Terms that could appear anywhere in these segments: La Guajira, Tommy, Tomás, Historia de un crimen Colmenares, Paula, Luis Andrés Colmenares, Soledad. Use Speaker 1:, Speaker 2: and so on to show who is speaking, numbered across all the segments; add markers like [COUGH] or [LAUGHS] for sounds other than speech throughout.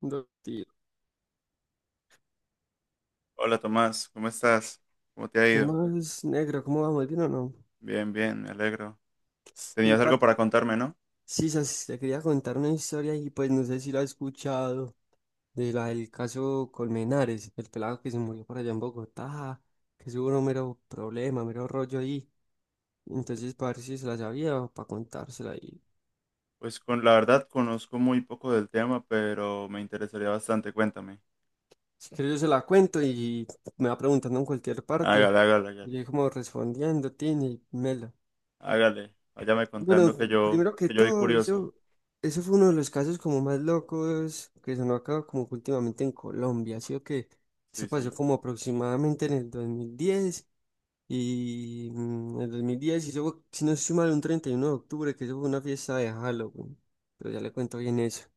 Speaker 1: Dos tiros.
Speaker 2: Hola Tomás, ¿cómo estás? ¿Cómo te ha
Speaker 1: ¿Quién
Speaker 2: ido?
Speaker 1: más negro? ¿Cómo vamos? ¿Bien o no?
Speaker 2: Bien, bien, me alegro.
Speaker 1: Ey,
Speaker 2: Tenías algo
Speaker 1: parce,
Speaker 2: para contarme, ¿no?
Speaker 1: sí, te quería contar una historia y pues no sé si la has escuchado, de la del caso Colmenares, el pelado que se murió por allá en Bogotá, que hubo un mero problema, mero rollo ahí. Entonces, para ver si se la sabía o para contársela ahí.
Speaker 2: Pues con la verdad conozco muy poco del tema, pero me interesaría bastante, cuéntame.
Speaker 1: Si quieres yo se la cuento y me va preguntando en cualquier parte.
Speaker 2: Hágale, hágale,
Speaker 1: Y
Speaker 2: hágale.
Speaker 1: yo ahí como respondiendo, tiene, mela.
Speaker 2: Hágale. Váyame
Speaker 1: Bueno,
Speaker 2: contando que yo,
Speaker 1: primero que
Speaker 2: que yo soy
Speaker 1: todo,
Speaker 2: curioso.
Speaker 1: eso fue uno de los casos como más locos que sonó acá como que últimamente en Colombia, ¿sí o que? Eso
Speaker 2: Sí,
Speaker 1: pasó
Speaker 2: sí.
Speaker 1: como aproximadamente en el 2010 y en el 2010 y eso, fue, si no estoy mal, un 31 de octubre, que eso fue una fiesta de Halloween. Pero ya le cuento bien eso.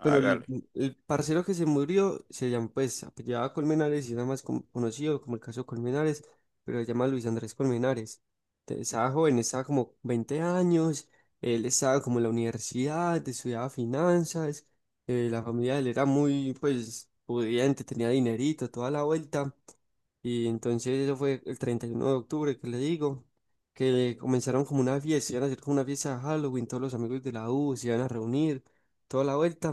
Speaker 1: Pero el, el parcero que se murió se llama, pues, apellidaba Colmenares y era más conocido como el caso Colmenares, pero se llama Luis Andrés Colmenares. Entonces, estaba joven, estaba como 20 años, él estaba como en la universidad, estudiaba finanzas, la familia de él era muy, pues, pudiente, tenía dinerito, toda la vuelta. Y entonces eso fue el 31 de octubre, que le digo, que comenzaron como una fiesta, iban a hacer como una fiesta de Halloween, todos los amigos de la U se iban a reunir, toda la vuelta.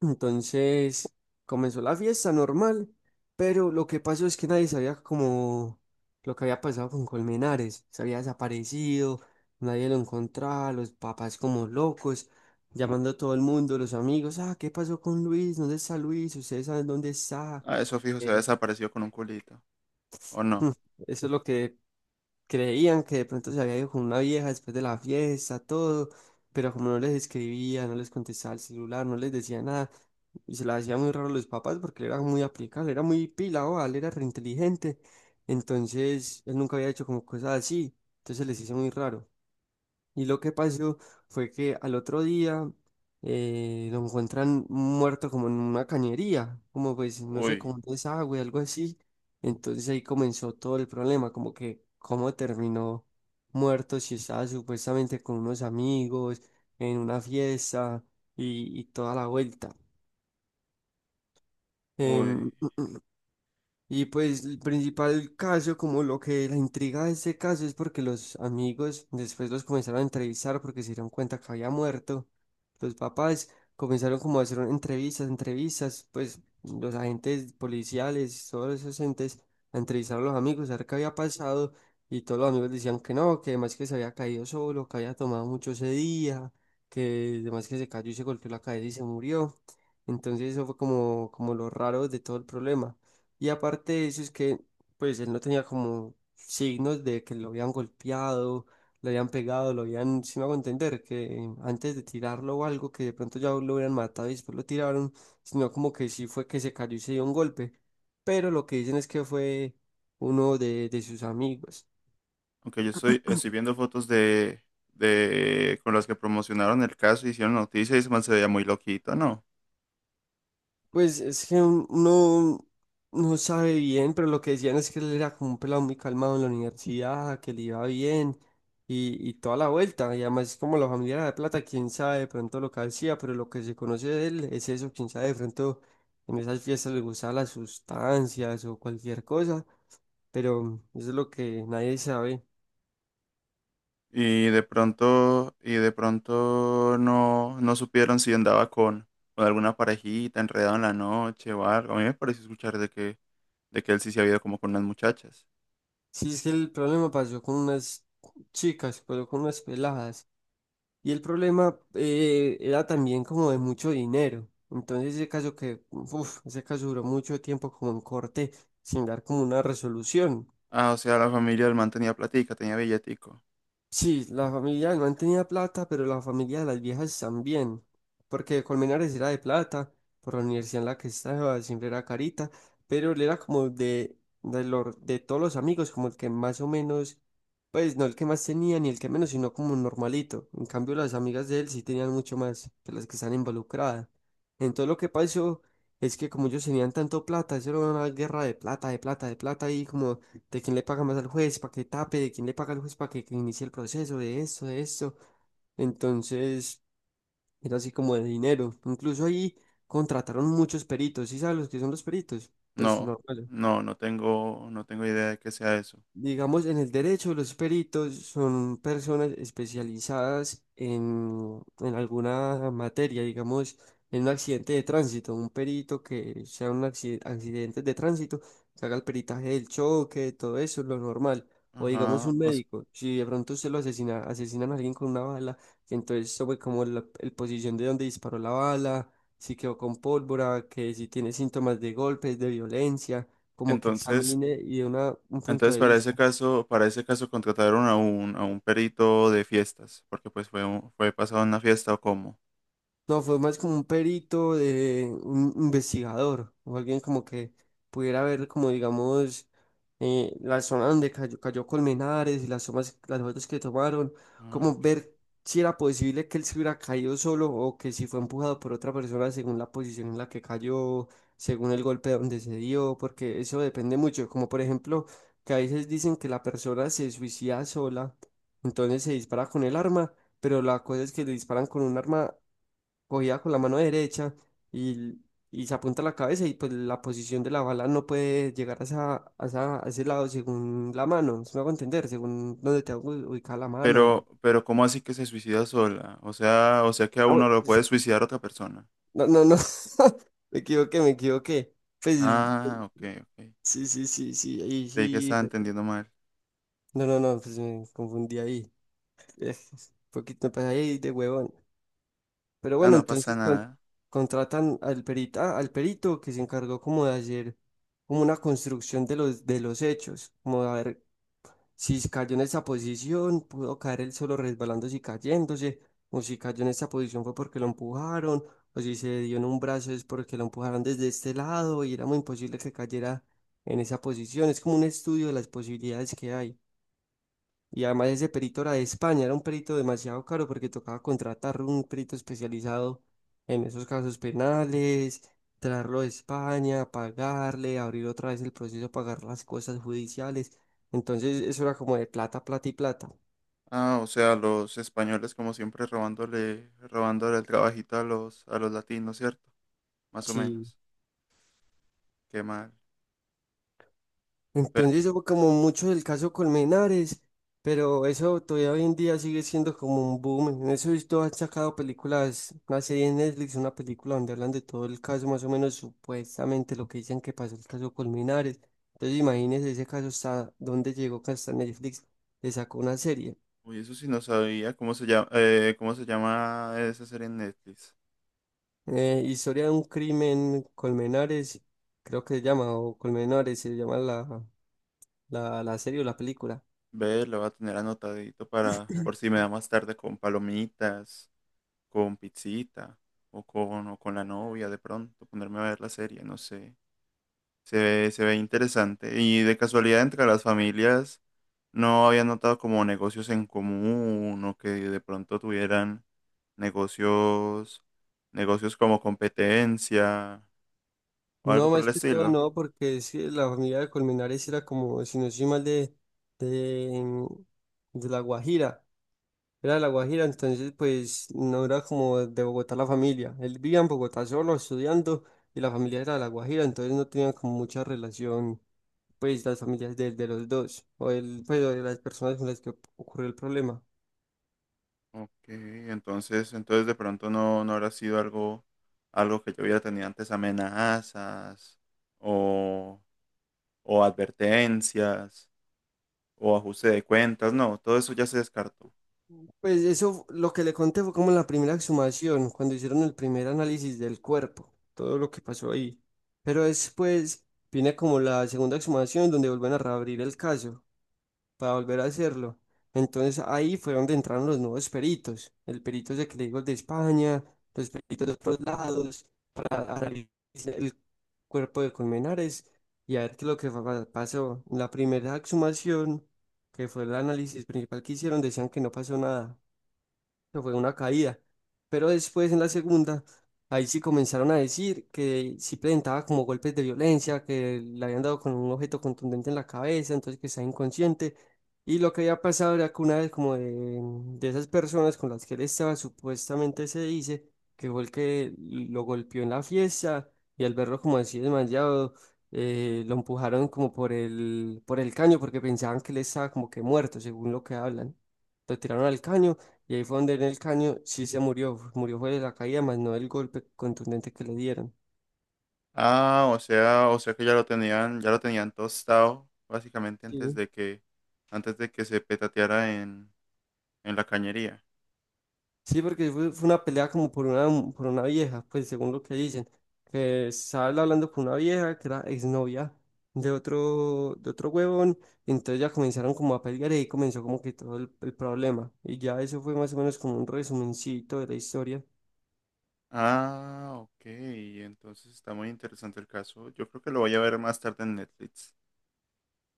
Speaker 1: Entonces comenzó la fiesta normal, pero lo que pasó es que nadie sabía como lo que había pasado con Colmenares. Se había desaparecido, nadie lo encontraba, los papás como locos, llamando a todo el mundo, los amigos, ah, ¿qué pasó con Luis? ¿Dónde está Luis? ¿Ustedes saben dónde está?
Speaker 2: Ah, eso fijo se ha
Speaker 1: Eh,
Speaker 2: desaparecido con un culito. ¿O no?
Speaker 1: hmm, Eso es lo que creían, que de pronto se había ido con una vieja después de la fiesta, todo, pero como no les escribía, no les contestaba el celular, no les decía nada y se la hacía muy raro a los papás porque él era muy aplicado, era muy pila, o él era reinteligente, entonces él nunca había hecho como cosas así, entonces les hizo muy raro. Y lo que pasó fue que al otro día lo encuentran muerto como en una cañería, como pues, no sé,
Speaker 2: Uy,
Speaker 1: como un desagüe, algo así. Entonces ahí comenzó todo el problema, como que cómo terminó muerto si estaba supuestamente con unos amigos, en una fiesta y toda la vuelta. Em,
Speaker 2: uy.
Speaker 1: Y pues el principal caso, como lo que la intriga de este caso es porque los amigos después los comenzaron a entrevistar porque se dieron cuenta que había muerto. Los papás comenzaron como a hacer entrevistas, entrevistas, pues los agentes policiales, todos esos entes, a entrevistar a los amigos, a ver qué había pasado. Y todos los amigos decían que no, que además que se había caído solo, que había tomado mucho ese día, que además que se cayó y se golpeó la cabeza y se murió. Entonces eso fue como, como lo raro de todo el problema. Y aparte de eso es que, pues, él no tenía como signos de que lo habían golpeado, lo habían pegado, lo habían, si me hago entender, que antes de tirarlo o algo, que de pronto ya lo hubieran matado y después lo tiraron, sino como que sí fue que se cayó y se dio un golpe. Pero lo que dicen es que fue uno de sus amigos.
Speaker 2: Aunque yo estoy viendo fotos de con las que promocionaron el caso, hicieron noticias y se veía muy loquito, ¿no?
Speaker 1: Pues es que uno no sabe bien, pero lo que decían es que él era como un pelado muy calmado en la universidad, que le iba bien y toda la vuelta. Y además, como la familia era de plata, quién sabe de pronto lo que hacía, pero lo que se conoce de él es eso, quién sabe de pronto en esas fiestas le gustaban las sustancias o cualquier cosa, pero eso es lo que nadie sabe.
Speaker 2: Y de pronto no, no supieron si andaba con alguna parejita enredado en la noche o algo. A mí me pareció escuchar de que él sí se había ido como con unas muchachas.
Speaker 1: Sí, es que el problema pasó con unas chicas, pasó con unas peladas. Y el problema era también como de mucho dinero. Entonces ese caso que, uf, ese caso duró mucho tiempo como en corte sin dar como una resolución.
Speaker 2: Ah, o sea, la familia del man tenía platica, tenía billetico.
Speaker 1: Sí, la familia no tenía plata, pero la familia de las viejas también, porque Colmenares era de plata, por la universidad en la que estaba siempre era carita, pero él era como de todos los amigos, como el que más o menos, pues no el que más tenía ni el que menos, sino como un normalito. En cambio, las amigas de él sí tenían mucho más que las que están involucradas. Entonces lo que pasó es que como ellos tenían tanto plata, eso era una guerra de plata, de plata, de plata, y como de quién le paga más al juez para que tape, de quién le paga al juez para que inicie el proceso, de esto, de esto. Entonces, era así como de dinero. Incluso ahí contrataron muchos peritos, ¿sí sabes los que son los peritos? Pues
Speaker 2: No,
Speaker 1: no,
Speaker 2: no, no tengo idea de que sea eso.
Speaker 1: digamos, en el derecho, los peritos son personas especializadas en alguna materia, digamos, en un accidente de tránsito, un perito que sea un accidente de tránsito, que haga el peritaje del choque, todo eso, lo normal. O digamos,
Speaker 2: Ajá.
Speaker 1: un médico, si de pronto usted lo asesina, asesinan a alguien con una bala, entonces sobre como la el posición de donde disparó la bala, si quedó con pólvora, que si tiene síntomas de golpes, de violencia como que
Speaker 2: Entonces,
Speaker 1: examine y dé una, un punto
Speaker 2: entonces
Speaker 1: de
Speaker 2: para ese
Speaker 1: vista.
Speaker 2: caso, para ese caso contrataron a un perito de fiestas, porque pues fue, fue pasado en una fiesta o cómo.
Speaker 1: No, fue más como un perito de un investigador, o alguien como que pudiera ver como digamos la zona donde cayó Colmenares y las tomas, las fotos que tomaron,
Speaker 2: Ah,
Speaker 1: como
Speaker 2: ok.
Speaker 1: ver si era posible que él se hubiera caído solo o que si fue empujado por otra persona según la posición en la que cayó, según el golpe donde se dio, porque eso depende mucho, como por ejemplo que a veces dicen que la persona se suicida sola, entonces se dispara con el arma pero la cosa es que le disparan con un arma cogida con la mano derecha y, y se apunta a la cabeza y pues la posición de la bala no puede llegar a, a ese lado según la mano, si me hago entender, según donde te hago ubicar la mano.
Speaker 2: Pero ¿cómo así que se suicida sola? O sea que a
Speaker 1: Ah,
Speaker 2: uno
Speaker 1: bueno,
Speaker 2: lo puede suicidar otra persona.
Speaker 1: no, no, no, [LAUGHS] me equivoqué. Pues
Speaker 2: Ah, ok, ok.
Speaker 1: sí, sí, sí, sí, ahí
Speaker 2: Creí que
Speaker 1: sí.
Speaker 2: estaba entendiendo mal.
Speaker 1: No, no, no, pues me confundí ahí. [LAUGHS] Un poquito, pues ahí de huevón. Pero
Speaker 2: Ah,
Speaker 1: bueno,
Speaker 2: no pasa
Speaker 1: entonces
Speaker 2: nada.
Speaker 1: contratan al perita, al perito que se encargó como de hacer como una construcción de de los hechos, como de a ver si cayó en esa posición, pudo caer él solo resbalándose y cayéndose, o si cayó en esa posición fue porque lo empujaron, o si se dio en un brazo es porque lo empujaron desde este lado y era muy imposible que cayera en esa posición. Es como un estudio de las posibilidades que hay. Y además ese perito era de España, era un perito demasiado caro porque tocaba contratar un perito especializado en esos casos penales, traerlo de España, pagarle, abrir otra vez el proceso, pagar las cosas judiciales. Entonces eso era como de plata, plata y plata.
Speaker 2: Ah, o sea, los españoles como siempre robándole, robándole el trabajito a los latinos, ¿cierto? Más o
Speaker 1: Sí.
Speaker 2: menos. Qué mal. Pero,
Speaker 1: Entonces fue como mucho el caso Colmenares, pero eso todavía hoy en día sigue siendo como un boom. En eso he visto, han sacado películas, una serie en Netflix, una película donde hablan de todo el caso, más o menos supuestamente lo que dicen que pasó el caso Colmenares. Entonces imagínense ese caso hasta dónde llegó, que hasta Netflix le sacó una serie.
Speaker 2: uy, eso sí no sabía cómo se llama esa serie en Netflix.
Speaker 1: Historia de un crimen Colmenares, creo que se llama, o Colmenares se llama la serie o la película.
Speaker 2: Ve, lo voy a tener anotadito para, por si me da más tarde con palomitas, con Pizzita o con la novia de pronto, ponerme a ver la serie, no sé. Se ve interesante. Y de casualidad entre las familias no había notado como negocios en común o que de pronto tuvieran negocios, negocios como competencia o algo
Speaker 1: No,
Speaker 2: por
Speaker 1: más
Speaker 2: el
Speaker 1: que todo
Speaker 2: estilo.
Speaker 1: no, porque sí, la familia de Colmenares era como, si no soy mal, de, de La Guajira. Era de La Guajira, entonces pues no era como de Bogotá la familia. Él vivía en Bogotá solo, estudiando, y la familia era de La Guajira, entonces no tenían como mucha relación, pues las familias de los dos, o el, pues, o de las personas con las que ocurrió el problema.
Speaker 2: Ok, entonces, entonces de pronto no, no habrá sido algo, algo que yo hubiera tenido antes amenazas o, o advertencias, o ajuste de cuentas, no, todo eso ya se descartó.
Speaker 1: Pues eso, lo que le conté fue como la primera exhumación, cuando hicieron el primer análisis del cuerpo, todo lo que pasó ahí. Pero después viene como la segunda exhumación donde vuelven a reabrir el caso para volver a hacerlo. Entonces ahí fue donde entraron los nuevos peritos, el perito ese que le digo el de España, los peritos de otros lados, para analizar el cuerpo de Colmenares y a ver qué es lo que pasó. La primera exhumación, que fue el análisis principal que hicieron, decían que no pasó nada que fue una caída. Pero después en la segunda, ahí sí comenzaron a decir que sí presentaba como golpes de violencia, que le habían dado con un objeto contundente en la cabeza, entonces que estaba inconsciente. Y lo que había pasado era que una vez como de esas personas con las que él estaba, supuestamente se dice que fue el que lo golpeó en la fiesta y al verlo como así desmayado, lo empujaron como por por el caño porque pensaban que él estaba como que muerto, según lo que hablan. Lo tiraron al caño y ahí fue donde en el caño sí se murió, murió fue de la caída, más no del golpe contundente que le dieron.
Speaker 2: Ah, o sea que ya lo tenían tostado, básicamente
Speaker 1: Sí.
Speaker 2: antes de que se petateara en la cañería.
Speaker 1: Sí, porque fue una pelea como por por una vieja, pues según lo que dicen, que estaba él hablando con una vieja que era exnovia de otro huevón, y entonces ya comenzaron como a pelear y ahí comenzó como que todo el problema. Y ya eso fue más o menos como un resumencito de la historia,
Speaker 2: Ah, ok, entonces está muy interesante el caso. Yo creo que lo voy a ver más tarde en Netflix.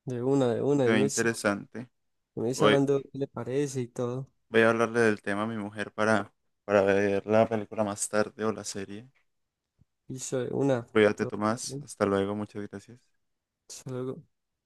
Speaker 2: Se
Speaker 1: y
Speaker 2: ve
Speaker 1: me,
Speaker 2: interesante.
Speaker 1: me está
Speaker 2: Voy,
Speaker 1: hablando qué le parece y todo,
Speaker 2: voy a hablarle del tema a mi mujer para ver la película más tarde o la serie.
Speaker 1: y eso de una,
Speaker 2: Cuídate,
Speaker 1: todo.
Speaker 2: Tomás.
Speaker 1: Bien.
Speaker 2: Hasta luego, muchas gracias.
Speaker 1: Hasta luego.